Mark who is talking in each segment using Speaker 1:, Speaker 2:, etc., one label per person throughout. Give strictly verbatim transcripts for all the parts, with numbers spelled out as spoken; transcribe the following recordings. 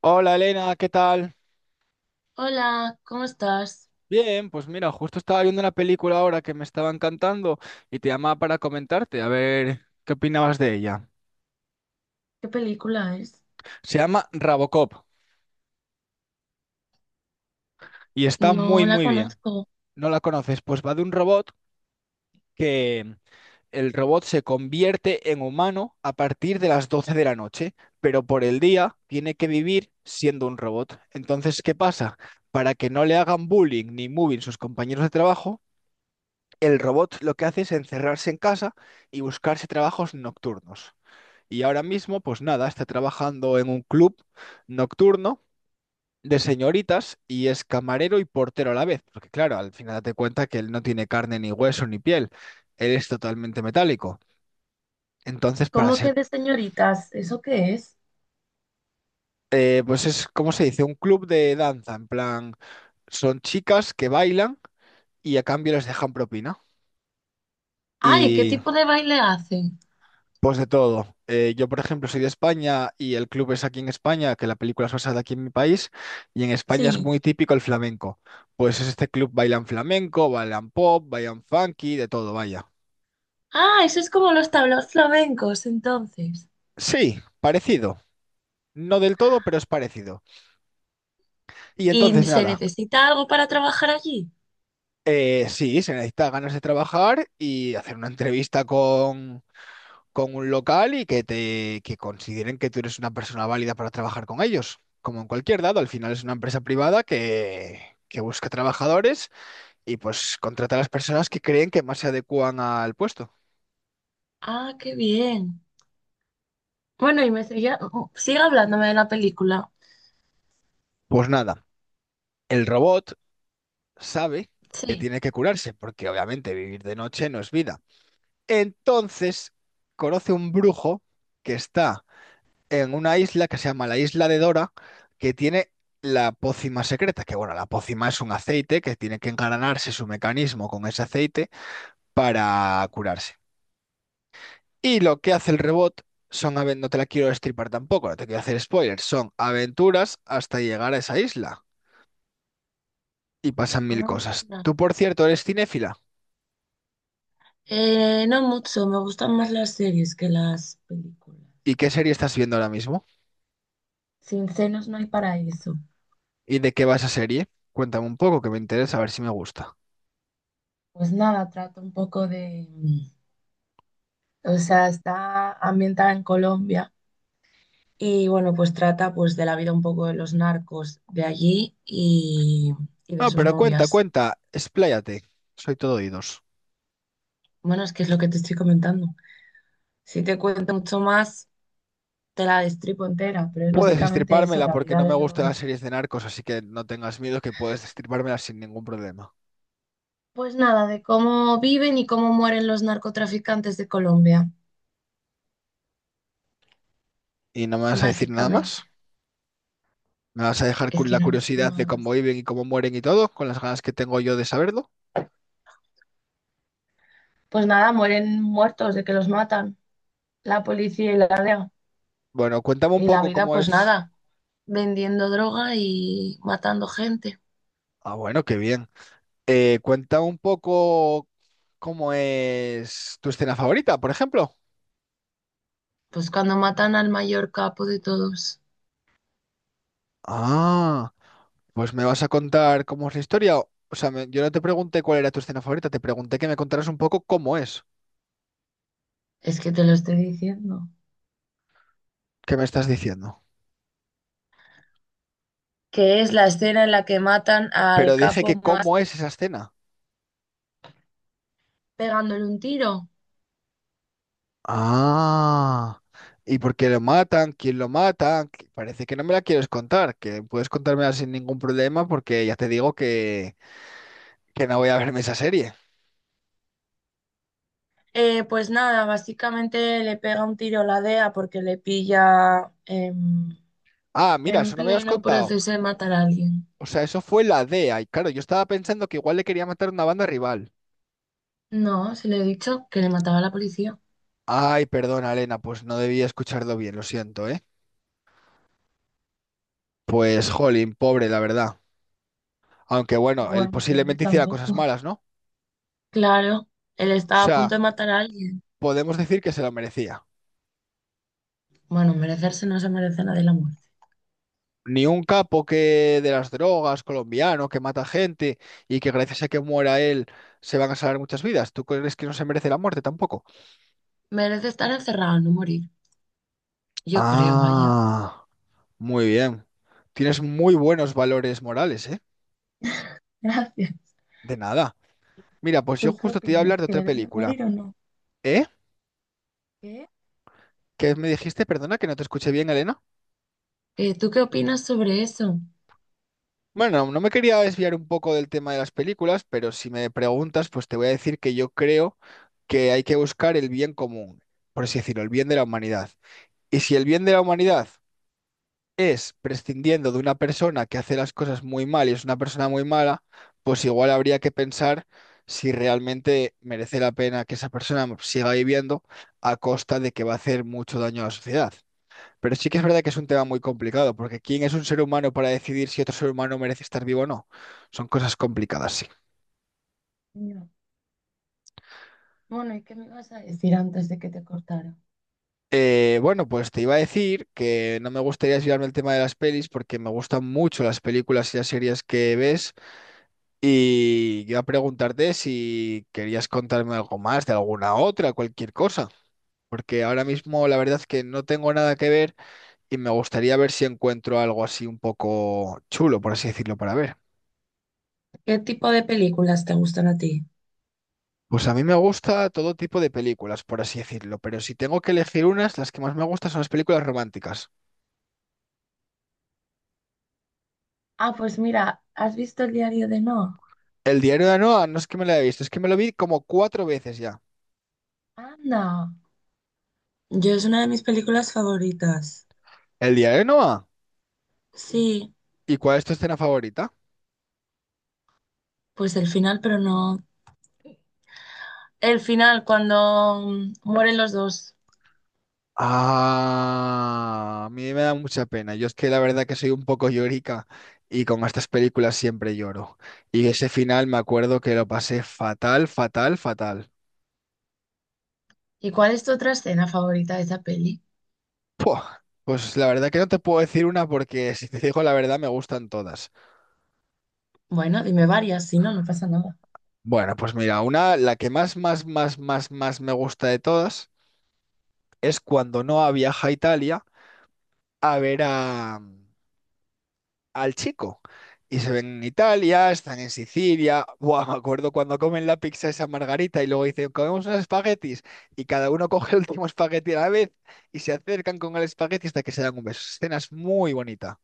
Speaker 1: Hola Elena, ¿qué tal?
Speaker 2: Hola, ¿cómo estás?
Speaker 1: Bien, pues mira, justo estaba viendo una película ahora que me estaba encantando y te llamaba para comentarte, a ver qué opinabas de ella.
Speaker 2: ¿Qué película es?
Speaker 1: Se llama Robocop y está
Speaker 2: No
Speaker 1: muy
Speaker 2: la
Speaker 1: muy bien.
Speaker 2: conozco.
Speaker 1: ¿No la conoces? Pues va de un robot que el robot se convierte en humano a partir de las doce de la noche, pero por el día tiene que vivir siendo un robot. Entonces, ¿qué pasa? Para que no le hagan bullying ni moving sus compañeros de trabajo, el robot lo que hace es encerrarse en casa y buscarse trabajos nocturnos. Y ahora mismo, pues nada, está trabajando en un club nocturno de señoritas y es camarero y portero a la vez, porque claro, al final date cuenta que él no tiene carne ni hueso ni piel, él es totalmente metálico. Entonces, para
Speaker 2: ¿Cómo
Speaker 1: ser,
Speaker 2: que de señoritas? ¿Eso qué es?
Speaker 1: eh, pues es, ¿cómo se dice? Un club de danza, en plan, son chicas que bailan y a cambio les dejan propina.
Speaker 2: Ay, ¿qué
Speaker 1: Y
Speaker 2: tipo de baile hacen?
Speaker 1: pues de todo. Eh, yo, por ejemplo, soy de España y el club es aquí en España, que la película es basada aquí en mi país, y en España es
Speaker 2: Sí.
Speaker 1: muy típico el flamenco. Pues es este club bailan flamenco, bailan pop, bailan funky, de todo, vaya.
Speaker 2: Ah, eso es como los tablaos flamencos, entonces.
Speaker 1: Sí, parecido. No del todo, pero es parecido. Y
Speaker 2: ¿Y
Speaker 1: entonces,
Speaker 2: se
Speaker 1: nada,
Speaker 2: necesita algo para trabajar allí?
Speaker 1: eh, sí, se necesita ganas de trabajar y hacer una entrevista con un local y que te que consideren que tú eres una persona válida para trabajar con ellos. Como en cualquier dado, al final es una empresa privada que, que busca trabajadores y pues contrata a las personas que creen que más se adecúan al puesto.
Speaker 2: Ah, qué bien. Bueno, y me seguía, sigue hablándome de la película.
Speaker 1: Pues nada, el robot sabe que
Speaker 2: Sí.
Speaker 1: tiene que curarse, porque obviamente vivir de noche no es vida. Entonces, conoce un brujo que está en una isla que se llama la Isla de Dora, que tiene la pócima secreta, que bueno, la pócima es un aceite que tiene que engranarse su mecanismo con ese aceite para curarse. Y lo que hace el rebot son, aven- no te la quiero destripar tampoco, no te quiero hacer spoilers, son aventuras hasta llegar a esa isla y pasan mil cosas.
Speaker 2: Anda.
Speaker 1: Tú, por cierto, eres cinéfila.
Speaker 2: Eh, no mucho, me gustan más las series que las películas.
Speaker 1: ¿Y qué serie estás viendo ahora mismo?
Speaker 2: Sin senos no hay paraíso.
Speaker 1: ¿Y de qué va esa serie? Cuéntame un poco, que me interesa a ver si me gusta.
Speaker 2: Pues nada, trata un poco de, mm, o sea, está ambientada en Colombia y bueno, pues trata pues de la vida un poco de los narcos de allí y, y de
Speaker 1: No,
Speaker 2: sus
Speaker 1: pero cuenta,
Speaker 2: novias.
Speaker 1: cuenta, expláyate. Soy todo oídos.
Speaker 2: Bueno, es que es lo que te estoy comentando. Si te cuento mucho más, te la destripo entera, pero es
Speaker 1: Puedes
Speaker 2: básicamente eso,
Speaker 1: destripármela
Speaker 2: la
Speaker 1: porque
Speaker 2: vida
Speaker 1: no me
Speaker 2: de
Speaker 1: gustan las
Speaker 2: los...
Speaker 1: series de narcos, así que no tengas miedo que puedes destripármela sin ningún problema.
Speaker 2: Pues nada, de cómo viven y cómo mueren los narcotraficantes de Colombia,
Speaker 1: ¿Y no me vas a decir nada más?
Speaker 2: básicamente.
Speaker 1: ¿Me vas a dejar
Speaker 2: Es
Speaker 1: con
Speaker 2: que
Speaker 1: la
Speaker 2: no hay mucho
Speaker 1: curiosidad de cómo
Speaker 2: más.
Speaker 1: viven y cómo mueren y todo, con las ganas que tengo yo de saberlo?
Speaker 2: Pues nada, mueren muertos de que los matan la policía y la D E A.
Speaker 1: Bueno, cuéntame un
Speaker 2: Y la
Speaker 1: poco
Speaker 2: vida,
Speaker 1: cómo
Speaker 2: pues
Speaker 1: es.
Speaker 2: nada, vendiendo droga y matando gente.
Speaker 1: Ah, bueno, qué bien. Eh, cuéntame un poco cómo es tu escena favorita, por ejemplo.
Speaker 2: Pues cuando matan al mayor capo de todos,
Speaker 1: Ah, pues me vas a contar cómo es la historia. O sea, me- yo no te pregunté cuál era tu escena favorita, te pregunté que me contaras un poco cómo es.
Speaker 2: es que te lo estoy diciendo.
Speaker 1: ¿Qué me estás diciendo?
Speaker 2: Que es la escena en la que matan al
Speaker 1: Pero dije
Speaker 2: capo
Speaker 1: que
Speaker 2: más
Speaker 1: cómo es esa escena.
Speaker 2: pegándole un tiro.
Speaker 1: Ah, ¿y por qué lo matan? ¿Quién lo mata? Que parece que no me la quieres contar, que puedes contármela sin ningún problema porque ya te digo que, que no voy a verme esa serie.
Speaker 2: Eh, pues nada, básicamente le pega un tiro la D E A porque le pilla em,
Speaker 1: Ah, mira,
Speaker 2: en
Speaker 1: eso no me lo has
Speaker 2: pleno
Speaker 1: contado.
Speaker 2: proceso de matar a alguien.
Speaker 1: O sea, eso fue la D E A y claro, yo estaba pensando que igual le quería matar una banda rival.
Speaker 2: No, se le he dicho que le mataba a la policía.
Speaker 1: Ay, perdona, Elena, pues no debía escucharlo bien, lo siento, ¿eh? Pues, jolín, pobre, la verdad. Aunque bueno, él
Speaker 2: Bueno, pobre
Speaker 1: posiblemente hiciera cosas
Speaker 2: tampoco.
Speaker 1: malas, ¿no?
Speaker 2: Claro, él
Speaker 1: O
Speaker 2: estaba a
Speaker 1: sea,
Speaker 2: punto de matar a alguien.
Speaker 1: podemos decir que se lo merecía.
Speaker 2: Bueno, merecerse no se merece nada de la muerte.
Speaker 1: Ni un capo que de las drogas, colombiano, que mata gente y que gracias a que muera él se van a salvar muchas vidas. ¿Tú crees que no se merece la muerte tampoco?
Speaker 2: Merece estar encerrado, no morir. Yo creo, vaya.
Speaker 1: Ah, muy bien. Tienes muy buenos valores morales, ¿eh?
Speaker 2: Gracias.
Speaker 1: De nada. Mira, pues yo
Speaker 2: ¿Tú qué
Speaker 1: justo te iba a
Speaker 2: opinas?
Speaker 1: hablar de
Speaker 2: ¿Que
Speaker 1: otra
Speaker 2: deben de
Speaker 1: película.
Speaker 2: morir o no?
Speaker 1: ¿Eh?
Speaker 2: ¿Qué?
Speaker 1: ¿Qué me dijiste? Perdona que no te escuché bien, Elena.
Speaker 2: Eh, ¿tú qué opinas sobre eso?
Speaker 1: Bueno, no me quería desviar un poco del tema de las películas, pero si me preguntas, pues te voy a decir que yo creo que hay que buscar el bien común, por así decirlo, el bien de la humanidad. Y si el bien de la humanidad es prescindiendo de una persona que hace las cosas muy mal y es una persona muy mala, pues igual habría que pensar si realmente merece la pena que esa persona siga viviendo a costa de que va a hacer mucho daño a la sociedad. Pero sí que es verdad que es un tema muy complicado, porque ¿quién es un ser humano para decidir si otro ser humano merece estar vivo o no? Son cosas complicadas, sí.
Speaker 2: No. Bueno, ¿y qué me ibas a decir antes de que te cortara?
Speaker 1: Eh, bueno, pues te iba a decir que no me gustaría desviarme el tema de las pelis porque me gustan mucho las películas y las series que ves. Y iba a preguntarte si querías contarme algo más de alguna otra, cualquier cosa, porque ahora mismo la verdad es que no tengo nada que ver y me gustaría ver si encuentro algo así un poco chulo, por así decirlo, para ver.
Speaker 2: ¿Qué tipo de películas te gustan a ti?
Speaker 1: Pues a mí me gusta todo tipo de películas, por así decirlo, pero si tengo que elegir unas, las que más me gustan son las películas románticas.
Speaker 2: Ah, pues mira, ¿has visto el diario de Noah?
Speaker 1: El diario de Noah no es que me la haya visto, es que me lo vi como cuatro veces ya.
Speaker 2: Anda. Yo es una de mis películas favoritas.
Speaker 1: ¿El diario de Noah?
Speaker 2: Sí,
Speaker 1: ¿Y cuál es tu escena favorita?
Speaker 2: pues el final, pero no. El final, cuando mm, mueren los dos.
Speaker 1: Ah, a mí me da mucha pena. Yo es que la verdad que soy un poco llorica y con estas películas siempre lloro. Y ese final me acuerdo que lo pasé fatal, fatal, fatal.
Speaker 2: ¿Y cuál es tu otra escena favorita de esa peli?
Speaker 1: Puah, pues la verdad que no te puedo decir una porque si te digo la verdad me gustan todas.
Speaker 2: Bueno, dime varias, si no, no pasa nada.
Speaker 1: Bueno, pues mira, una, la que más, más, más, más, más me gusta de todas es cuando Noah viaja a Italia a ver a, al chico. Y se ven en Italia, están en Sicilia. Buah, me acuerdo cuando comen la pizza esa margarita y luego dicen, comemos unos espaguetis. Y cada uno coge el último espagueti a la vez y se acercan con el espagueti hasta que se dan un beso. Escena es muy bonita,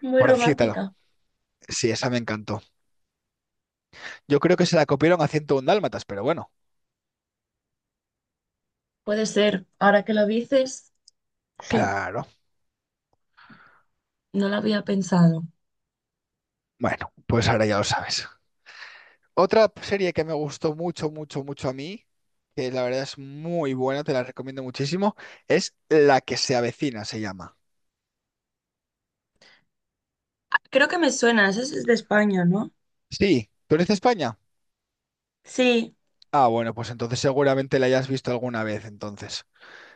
Speaker 2: Muy
Speaker 1: por decírtelo.
Speaker 2: romántica.
Speaker 1: Sí, esa me encantó. Yo creo que se la copiaron a ciento uno Dálmatas, pero bueno,
Speaker 2: Puede ser, ahora que lo dices, sí,
Speaker 1: claro.
Speaker 2: no lo había pensado.
Speaker 1: Bueno, pues ahora ya lo sabes. Otra serie que me gustó mucho, mucho, mucho a mí, que la verdad es muy buena, te la recomiendo muchísimo, es La que se avecina, se llama.
Speaker 2: Creo que me suena, esa es de España, ¿no?
Speaker 1: Sí, ¿tú eres de España?
Speaker 2: Sí,
Speaker 1: Ah, bueno, pues entonces seguramente la hayas visto alguna vez, entonces.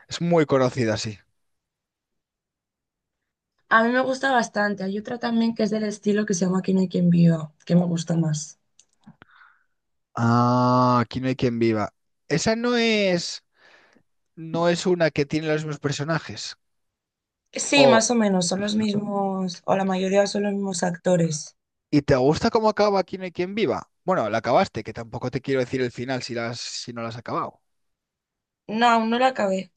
Speaker 1: Es muy conocida, sí.
Speaker 2: a mí me gusta bastante. Hay otra también que es del estilo que se llama Aquí no hay quien viva, que me gusta más.
Speaker 1: Ah, aquí no hay quien viva. Esa no es, no es una que tiene los mismos personajes.
Speaker 2: Sí,
Speaker 1: O,
Speaker 2: más o menos, son los mismos, o la mayoría son los mismos actores.
Speaker 1: ¿y te gusta cómo acaba Aquí no hay quien viva? Bueno, la acabaste, que tampoco te quiero decir el final si la has- si no la has acabado.
Speaker 2: No, aún no la acabé.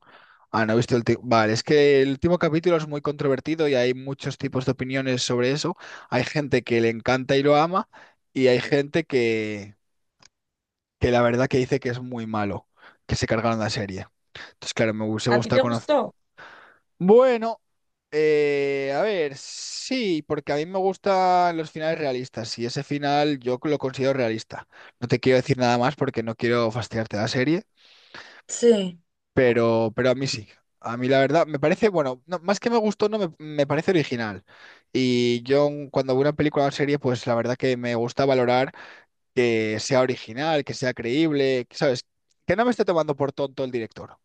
Speaker 1: Ah, no he visto el último. Vale, es que el último capítulo es muy controvertido y hay muchos tipos de opiniones sobre eso. Hay gente que le encanta y lo ama, y hay gente que, que la verdad que dice que es muy malo, que se cargaron la serie. Entonces, claro, me hubiese
Speaker 2: ¿A ti
Speaker 1: gustado
Speaker 2: te
Speaker 1: conocer.
Speaker 2: gustó?
Speaker 1: Bueno, eh, a ver, sí, porque a mí me gustan los finales realistas y ese final yo lo considero realista. No te quiero decir nada más porque no quiero fastidiarte la serie,
Speaker 2: Sí,
Speaker 1: pero, pero a mí sí. A mí la verdad me parece, bueno, no, más que me gustó, no me, me parece original. Y yo cuando veo una película o serie, pues la verdad que me gusta valorar que sea original, que sea creíble, que, ¿sabes? Que no me esté tomando por tonto el director.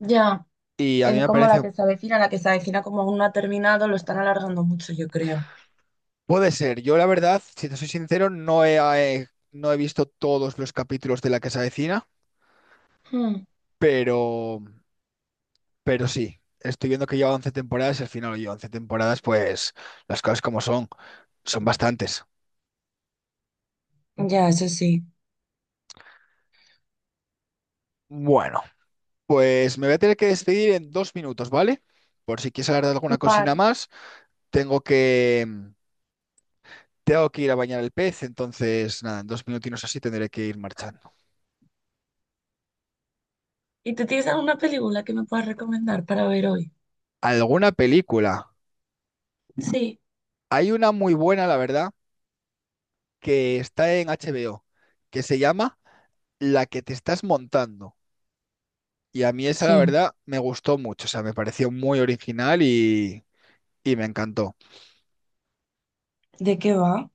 Speaker 2: ya.
Speaker 1: Y a mí
Speaker 2: Eh,
Speaker 1: me
Speaker 2: como la
Speaker 1: parece,
Speaker 2: que se avecina, la que se avecina como aún no ha terminado, lo están alargando mucho, yo creo.
Speaker 1: puede ser. Yo la verdad, si te soy sincero, no he, eh, no he visto todos los capítulos de La Casa Vecina,
Speaker 2: Hmm.
Speaker 1: pero, pero sí. Estoy viendo que lleva once temporadas y al final lleva once temporadas, pues las cosas como son, son bastantes.
Speaker 2: Ya, eso sí.
Speaker 1: Bueno, pues me voy a tener que despedir en dos minutos, ¿vale? Por si quieres hablar de alguna cosina
Speaker 2: Vale.
Speaker 1: más, tengo que, tengo que ir a bañar el pez, entonces nada, en dos minutinos así tendré que ir marchando.
Speaker 2: ¿Y tú tienes alguna película que me puedas recomendar para ver hoy?
Speaker 1: ¿Alguna película?
Speaker 2: Sí.
Speaker 1: Hay una muy buena, la verdad, que está en H B O, que se llama La que te estás montando. Y a mí esa, la
Speaker 2: Sí.
Speaker 1: verdad, me gustó mucho, o sea, me pareció muy original y, y me encantó.
Speaker 2: ¿De qué va?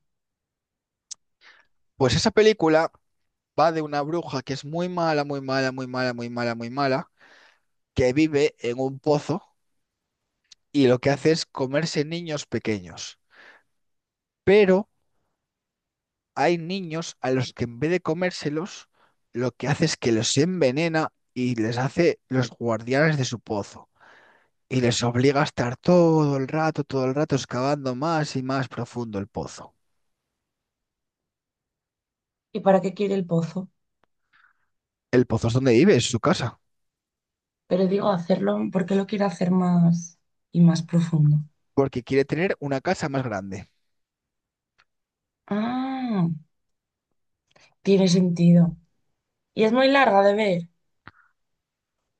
Speaker 1: Pues esa película va de una bruja que es muy mala, muy mala, muy mala, muy mala, muy mala, que vive en un pozo y lo que hace es comerse niños pequeños. Pero hay niños a los que en vez de comérselos, lo que hace es que los envenena y les hace los guardianes de su pozo. Y les obliga a estar todo el rato, todo el rato excavando más y más profundo el pozo.
Speaker 2: ¿Y para qué quiere el pozo?
Speaker 1: El pozo es donde vive, es su casa,
Speaker 2: Pero digo, hacerlo porque lo quiero hacer más y más profundo.
Speaker 1: porque quiere tener una casa más grande.
Speaker 2: Ah, tiene sentido. Y es muy larga de ver.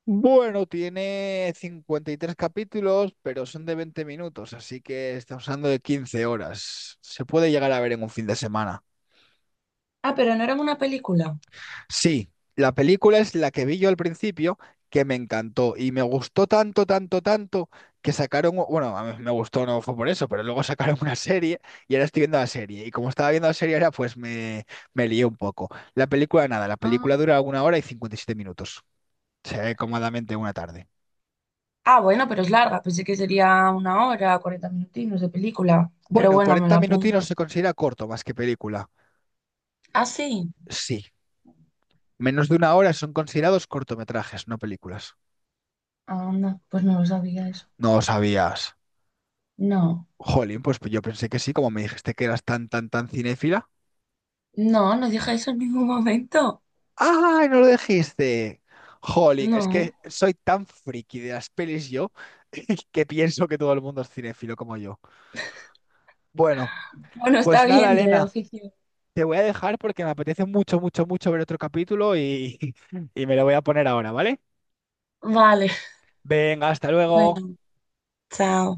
Speaker 1: Bueno, tiene cincuenta y tres capítulos, pero son de veinte minutos, así que estamos hablando de quince horas. Se puede llegar a ver en un fin de semana.
Speaker 2: Ah, pero no era una película.
Speaker 1: Sí, la película es la que vi yo al principio, que me encantó y me gustó tanto, tanto, tanto que sacaron, u- bueno, a mí me gustó, no fue por eso, pero luego sacaron una serie y ahora estoy viendo la serie. Y como estaba viendo la serie ahora, pues me, me lié un poco. La película, nada, la película
Speaker 2: Ah.
Speaker 1: dura una hora y cincuenta y siete minutos. Se ve cómodamente una tarde.
Speaker 2: Ah, bueno, pero es larga. Pensé que sería una hora, cuarenta minutinos de película. Pero
Speaker 1: Bueno,
Speaker 2: bueno, me
Speaker 1: cuarenta
Speaker 2: la
Speaker 1: minutinos
Speaker 2: apunto.
Speaker 1: se considera corto más que película.
Speaker 2: Ah, sí.
Speaker 1: Sí, menos de una hora son considerados cortometrajes, no películas.
Speaker 2: Anda, pues no lo sabía eso.
Speaker 1: No lo sabías.
Speaker 2: No.
Speaker 1: Jolín, pues yo pensé que sí, como me dijiste que eras tan, tan, tan cinéfila.
Speaker 2: No, no dije eso en ningún momento.
Speaker 1: ¡Ay, no lo dijiste! Jolín, es que
Speaker 2: No.
Speaker 1: soy tan friki de las pelis yo que pienso que todo el mundo es cinéfilo como yo. Bueno,
Speaker 2: Bueno, está
Speaker 1: pues nada,
Speaker 2: bien. De la
Speaker 1: Elena,
Speaker 2: oficina.
Speaker 1: te voy a dejar porque me apetece mucho, mucho, mucho ver otro capítulo y, y me lo voy a poner ahora, ¿vale?
Speaker 2: Vale.
Speaker 1: Venga, hasta luego.
Speaker 2: Bueno, chao.